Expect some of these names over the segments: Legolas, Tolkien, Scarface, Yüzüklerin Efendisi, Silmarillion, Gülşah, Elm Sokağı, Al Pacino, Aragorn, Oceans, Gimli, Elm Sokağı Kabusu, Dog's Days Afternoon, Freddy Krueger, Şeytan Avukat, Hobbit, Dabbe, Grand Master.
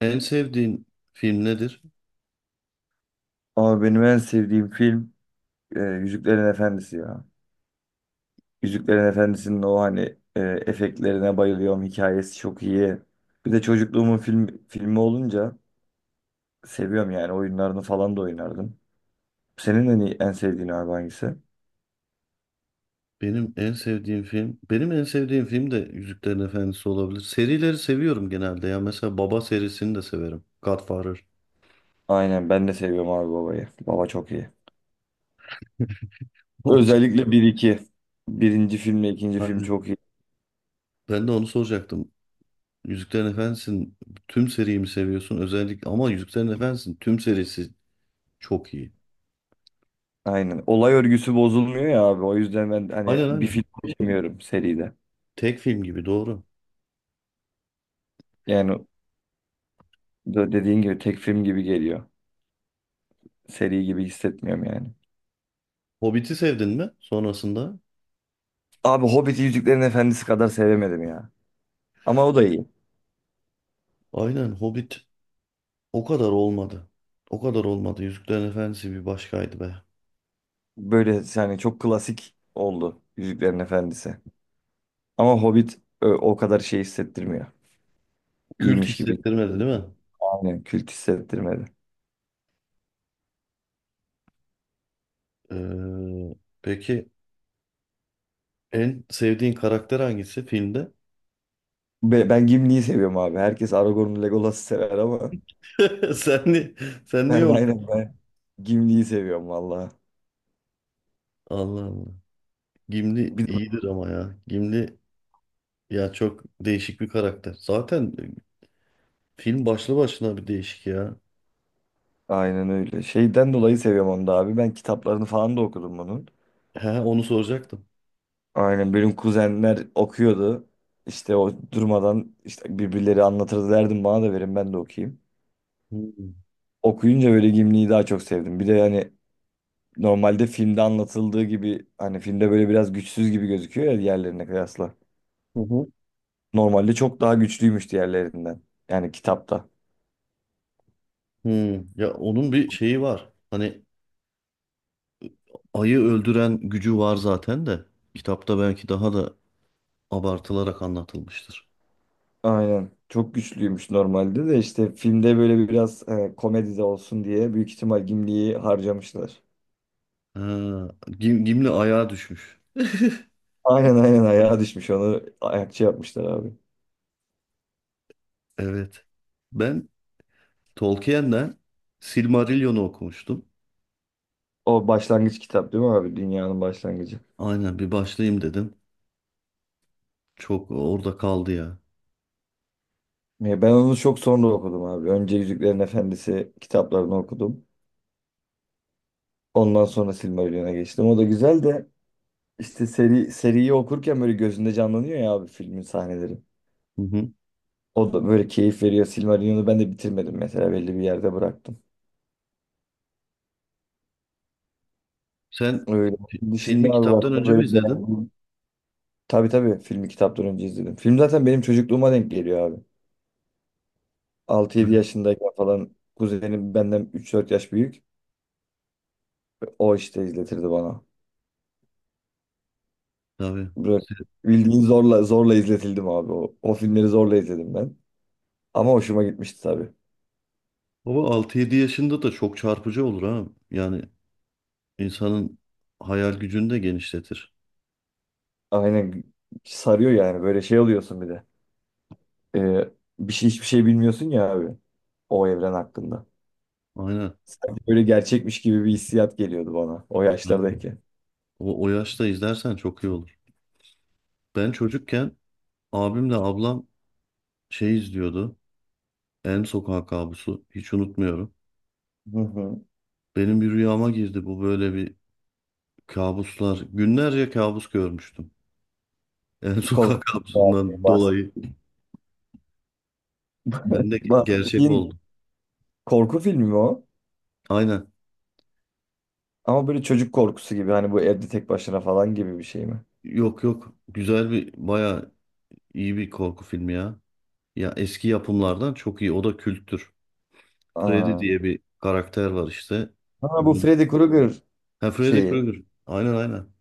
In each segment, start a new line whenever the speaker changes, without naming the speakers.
En sevdiğin film nedir?
Ama benim en sevdiğim film Yüzüklerin Efendisi ya. Yüzüklerin Efendisi'nin o hani efektlerine bayılıyorum. Hikayesi çok iyi. Bir de çocukluğumun filmi olunca seviyorum yani. Oyunlarını falan da oynardım. Senin en sevdiğin abi hangisi?
Benim en sevdiğim film de Yüzüklerin Efendisi olabilir. Serileri seviyorum genelde ya. Mesela Baba serisini de severim. Godfather.
Aynen ben de seviyorum abi babayı. Baba çok iyi. Özellikle bir iki. Birinci filmle ikinci film
Aynen.
çok iyi.
Ben de onu soracaktım. Yüzüklerin Efendisi'nin tüm seriyi mi seviyorsun? Özellikle ama Yüzüklerin Efendisi'nin tüm serisi çok iyi.
Aynen. Olay örgüsü bozulmuyor ya abi. O yüzden ben hani
Aynen,
bir
aynen.
film seçemiyorum seride.
Tek film gibi, doğru.
Yani dediğin gibi tek film gibi geliyor. Seri gibi hissetmiyorum yani.
Hobbit'i sevdin mi sonrasında?
Abi Hobbit'i Yüzüklerin Efendisi kadar sevemedim ya. Ama o da iyi.
Aynen, Hobbit o kadar olmadı. O kadar olmadı. Yüzüklerin Efendisi bir başkaydı be.
Böyle yani çok klasik oldu Yüzüklerin Efendisi. Ama Hobbit o kadar şey hissettirmiyor.
Kült
İyiymiş gibi.
hissettirmedi, değil mi?
Aynen kült hissettirmedi.
Ee, peki en sevdiğin karakter hangisi filmde?
Ben Gimli'yi seviyorum abi. Herkes Aragorn'u Legolas'ı sever ama
Sen ni Sen niye onu?
ben Gimli'yi seviyorum valla.
Allah Allah. Gimli
Bir de-
iyidir ama ya. Gimli ya, çok değişik bir karakter. Zaten film başlı başına bir değişik ya.
aynen öyle. Şeyden dolayı seviyorum onu da abi. Ben kitaplarını falan da okudum bunun.
He, onu soracaktım.
Aynen benim kuzenler okuyordu. İşte o durmadan işte birbirleri anlatırdı derdim bana da verin ben de okuyayım.
Hmm.
Okuyunca böyle Gimli'yi daha çok sevdim. Bir de hani normalde filmde anlatıldığı gibi hani filmde böyle biraz güçsüz gibi gözüküyor ya diğerlerine kıyasla.
Hı hı.
Normalde çok daha güçlüymüş diğerlerinden. Yani kitapta.
Hmm. Ya, onun bir şeyi var. Hani ayı öldüren gücü var zaten de. Kitapta belki daha da abartılarak anlatılmıştır.
Aynen. Çok güçlüymüş normalde de işte filmde böyle biraz komedi de olsun diye büyük ihtimal Gimli'yi harcamışlar.
Ha, Gimli ayağa düşmüş.
Aynen aynen ayağa düşmüş onu ayakçı yapmışlar abi.
Evet. Ben Tolkien'den Silmarillion'u okumuştum.
O başlangıç kitap değil mi abi? Dünyanın başlangıcı.
Aynen, bir başlayayım dedim. Çok orada kaldı ya.
Ya ben onu çok sonra okudum abi. Önce Yüzüklerin Efendisi kitaplarını okudum. Ondan sonra Silmarillion'a geçtim. O da güzel de işte seriyi okurken böyle gözünde canlanıyor ya abi filmin sahneleri.
Hı hı.
O da böyle keyif veriyor. Silmarillion'u ben de bitirmedim mesela belli bir yerde bıraktım.
Sen
Öyle. Onun dışında
filmi
abi
kitaptan
bak
önce mi
böyle
izledin?
beğendim. Tabii tabii filmi kitaptan önce izledim. Film zaten benim çocukluğuma denk geliyor abi. Altı
Hı,
yedi yaşındayken falan kuzenim benden üç dört yaş büyük. O işte izletirdi bana.
tabii.
Böyle
Se-
bildiğin zorla zorla izletildim abi. O filmleri zorla izledim ben. Ama hoşuma gitmişti tabii.
Baba altı yedi yaşında da çok çarpıcı olur ha. Yani insanın hayal gücünü de genişletir.
Aynen sarıyor yani böyle şey oluyorsun bir de. Ee, Bir şey hiçbir şey bilmiyorsun ya abi o evren hakkında.
Aynen.
Sanki böyle gerçekmiş gibi bir hissiyat geliyordu bana o
Aynen.
yaşlardayken.
O, o yaşta izlersen çok iyi olur. Ben çocukken abimle ablam şey izliyordu. Elm Sokağı Kabusu. Hiç unutmuyorum.
Hı hı.
Benim bir rüyama girdi bu, böyle bir kabuslar. Günlerce kabus görmüştüm. Yani
Korku
sokak
filmi abi.
kabusundan dolayı. Ben de gerçek
Bahsettiğin
oldu.
korku filmi mi o?
Aynen.
Ama böyle çocuk korkusu gibi hani bu evde tek başına falan gibi bir şey mi?
Yok yok. Güzel bir, bayağı iyi bir korku filmi ya. Ya eski yapımlardan çok iyi. O da kültür. Freddy
Aa.
diye bir karakter var işte.
Ha bu
Bunun...
Freddy Krueger
Ha, Freddy
şeyi
Krueger. Aynen, aynen.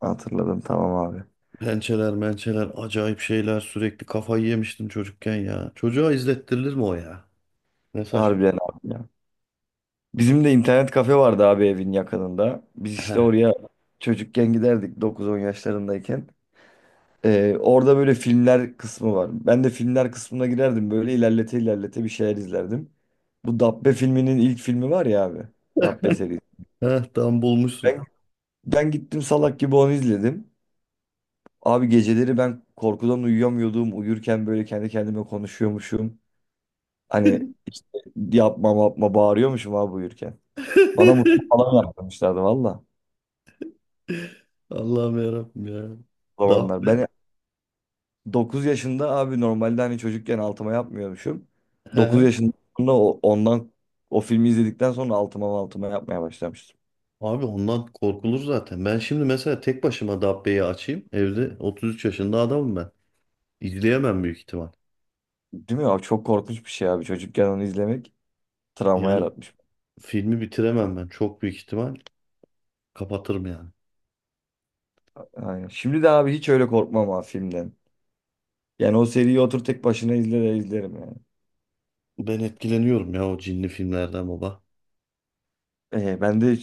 hatırladım tamam abi.
Pençeler, mençeler, acayip şeyler. Sürekli kafayı yemiştim çocukken ya. Çocuğa izlettirilir mi o ya? Ne saçma.
Harbiden abi ya. Bizim de internet kafe vardı abi evin yakınında. Biz işte
Heh,
oraya çocukken giderdik 9-10 yaşlarındayken. Orada böyle filmler kısmı var. Ben de filmler kısmına girerdim böyle ilerlete ilerlete bir şeyler izlerdim. Bu Dabbe filminin ilk filmi var ya abi. Dabbe serisi.
heh, tam bulmuşsun.
Ben, Ben gittim salak gibi onu izledim. Abi geceleri ben korkudan uyuyamıyordum. Uyurken böyle kendi kendime konuşuyormuşum. Hani işte yapma yapma bağırıyormuşum abi uyurken. Bana musluk falan yaptırmışlardı valla
Allah'ım, yarabbim ya.
o
Dabbe.
zamanlar. Ben 9 yaşında abi normalde hani çocukken altıma yapmıyormuşum.
He.
9
He.
yaşında sonra ondan o filmi izledikten sonra altıma altıma yapmaya başlamıştım.
Abi ondan korkulur zaten. Ben şimdi mesela tek başıma Dabbe'yi açayım. Evde 33 yaşında adamım ben. İzleyemem büyük ihtimal.
Değil mi abi? Çok korkunç bir şey abi. Çocukken onu izlemek travma
Yani
yaratmış.
filmi bitiremem ben. Çok büyük ihtimal kapatırım yani.
Aynen. Şimdi de abi hiç öyle korkmam abi filmden. Yani o seriyi otur tek başına izle de izlerim yani.
Ben etkileniyorum ya o cinli filmlerden baba.
Ben de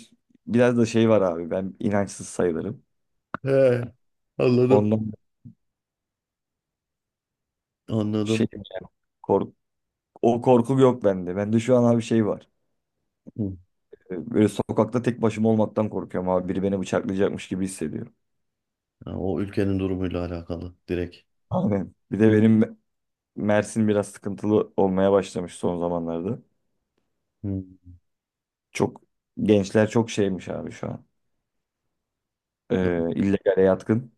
biraz da şey var abi. Ben inançsız sayılırım.
He. Anladım.
Ondan şey
Anladım.
kork o korku yok bende. Bende şu an abi şey var.
Hı.
Böyle sokakta tek başıma olmaktan korkuyorum abi. Biri beni bıçaklayacakmış gibi hissediyorum.
Ya o ülkenin durumuyla alakalı direkt.
Aynen. Bir de benim Mersin biraz sıkıntılı olmaya başlamış son zamanlarda.
Hı.
Çok gençler çok şeymiş abi şu an.
Ya,
İllegale yatkın.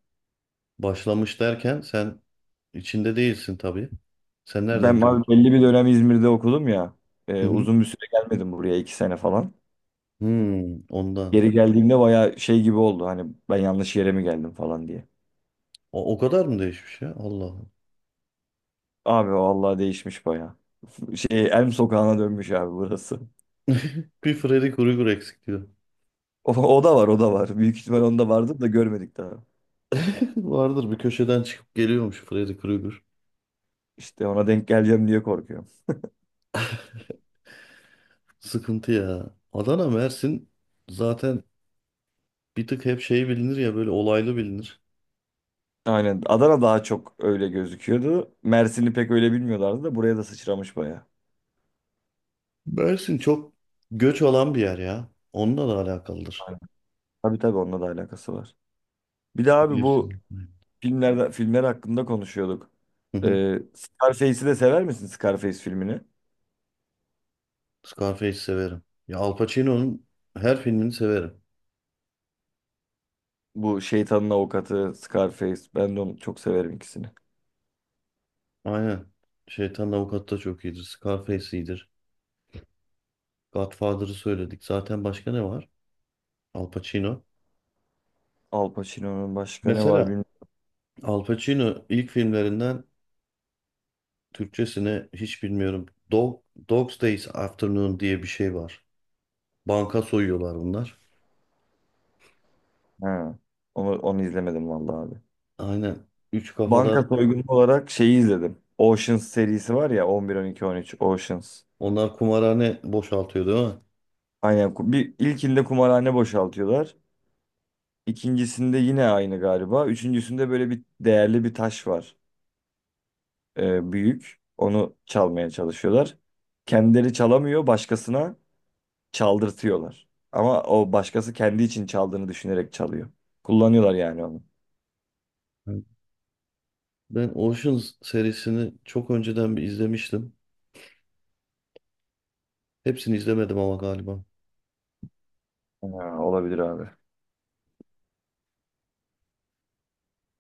başlamış derken sen içinde değilsin tabii. Sen nereden
Ben
duydun?
abi belli bir dönem İzmir'de okudum ya. Uzun bir süre gelmedim buraya iki sene falan.
Hmm, ondan.
Geri geldiğimde baya şey gibi oldu. Hani ben yanlış yere mi geldim falan diye.
O, o kadar mı değişmiş ya? Allah Allah.
Abi vallahi değişmiş baya. Şey Elm Sokağı'na dönmüş abi burası.
Bir Freddy Krueger eksik diyor.
O da var o da var. Büyük ihtimal onda vardır da görmedik daha.
Vardır, bir köşeden çıkıp geliyormuş Freddy Krueger.
İşte ona denk geleceğim diye korkuyorum.
Sıkıntı ya. Adana, Mersin zaten bir tık hep şey bilinir ya, böyle olaylı bilinir.
Aynen Adana daha çok öyle gözüküyordu. Mersin'i pek öyle bilmiyorlardı da buraya da sıçramış baya.
Mersin çok göç alan bir yer ya. Onunla da alakalıdır.
Aynen. Tabii tabii onunla da alakası var. Bir de abi bu
Mevsimlik.
filmler hakkında konuşuyorduk.
Hı hı.
Scarface'i de sever misin Scarface filmini?
Scarface'i severim. Ya Al Pacino'nun her filmini severim.
Bu şeytanın avukatı Scarface. Ben de onu çok severim ikisini.
Aynen. Şeytan Avukat da çok iyidir. Scarface iyidir. Godfather'ı söyledik. Zaten başka ne var? Al Pacino.
Al Pacino'nun başka ne var
Mesela
bilmiyorum.
Al Pacino ilk filmlerinden, Türkçesine hiç bilmiyorum. Dog, Dog's Days Afternoon diye bir şey var. Banka soyuyorlar bunlar.
Ha. Onu izlemedim vallahi abi.
Aynen. Üç kafalar
Banka soygunu olarak şeyi izledim. Oceans serisi var ya 11, 12, 13 Oceans.
onlar, kumarhane boşaltıyor değil mi?
Aynen. Bir, ilkinde kumarhane boşaltıyorlar. İkincisinde yine aynı galiba. Üçüncüsünde böyle bir değerli bir taş var. Büyük. Onu çalmaya çalışıyorlar. Kendileri çalamıyor başkasına. Çaldırtıyorlar. Ama o başkası kendi için çaldığını düşünerek çalıyor. Kullanıyorlar yani onu.
Evet. Ben Oceans serisini çok önceden bir izlemiştim. Hepsini izlemedim ama galiba.
Ha, olabilir abi.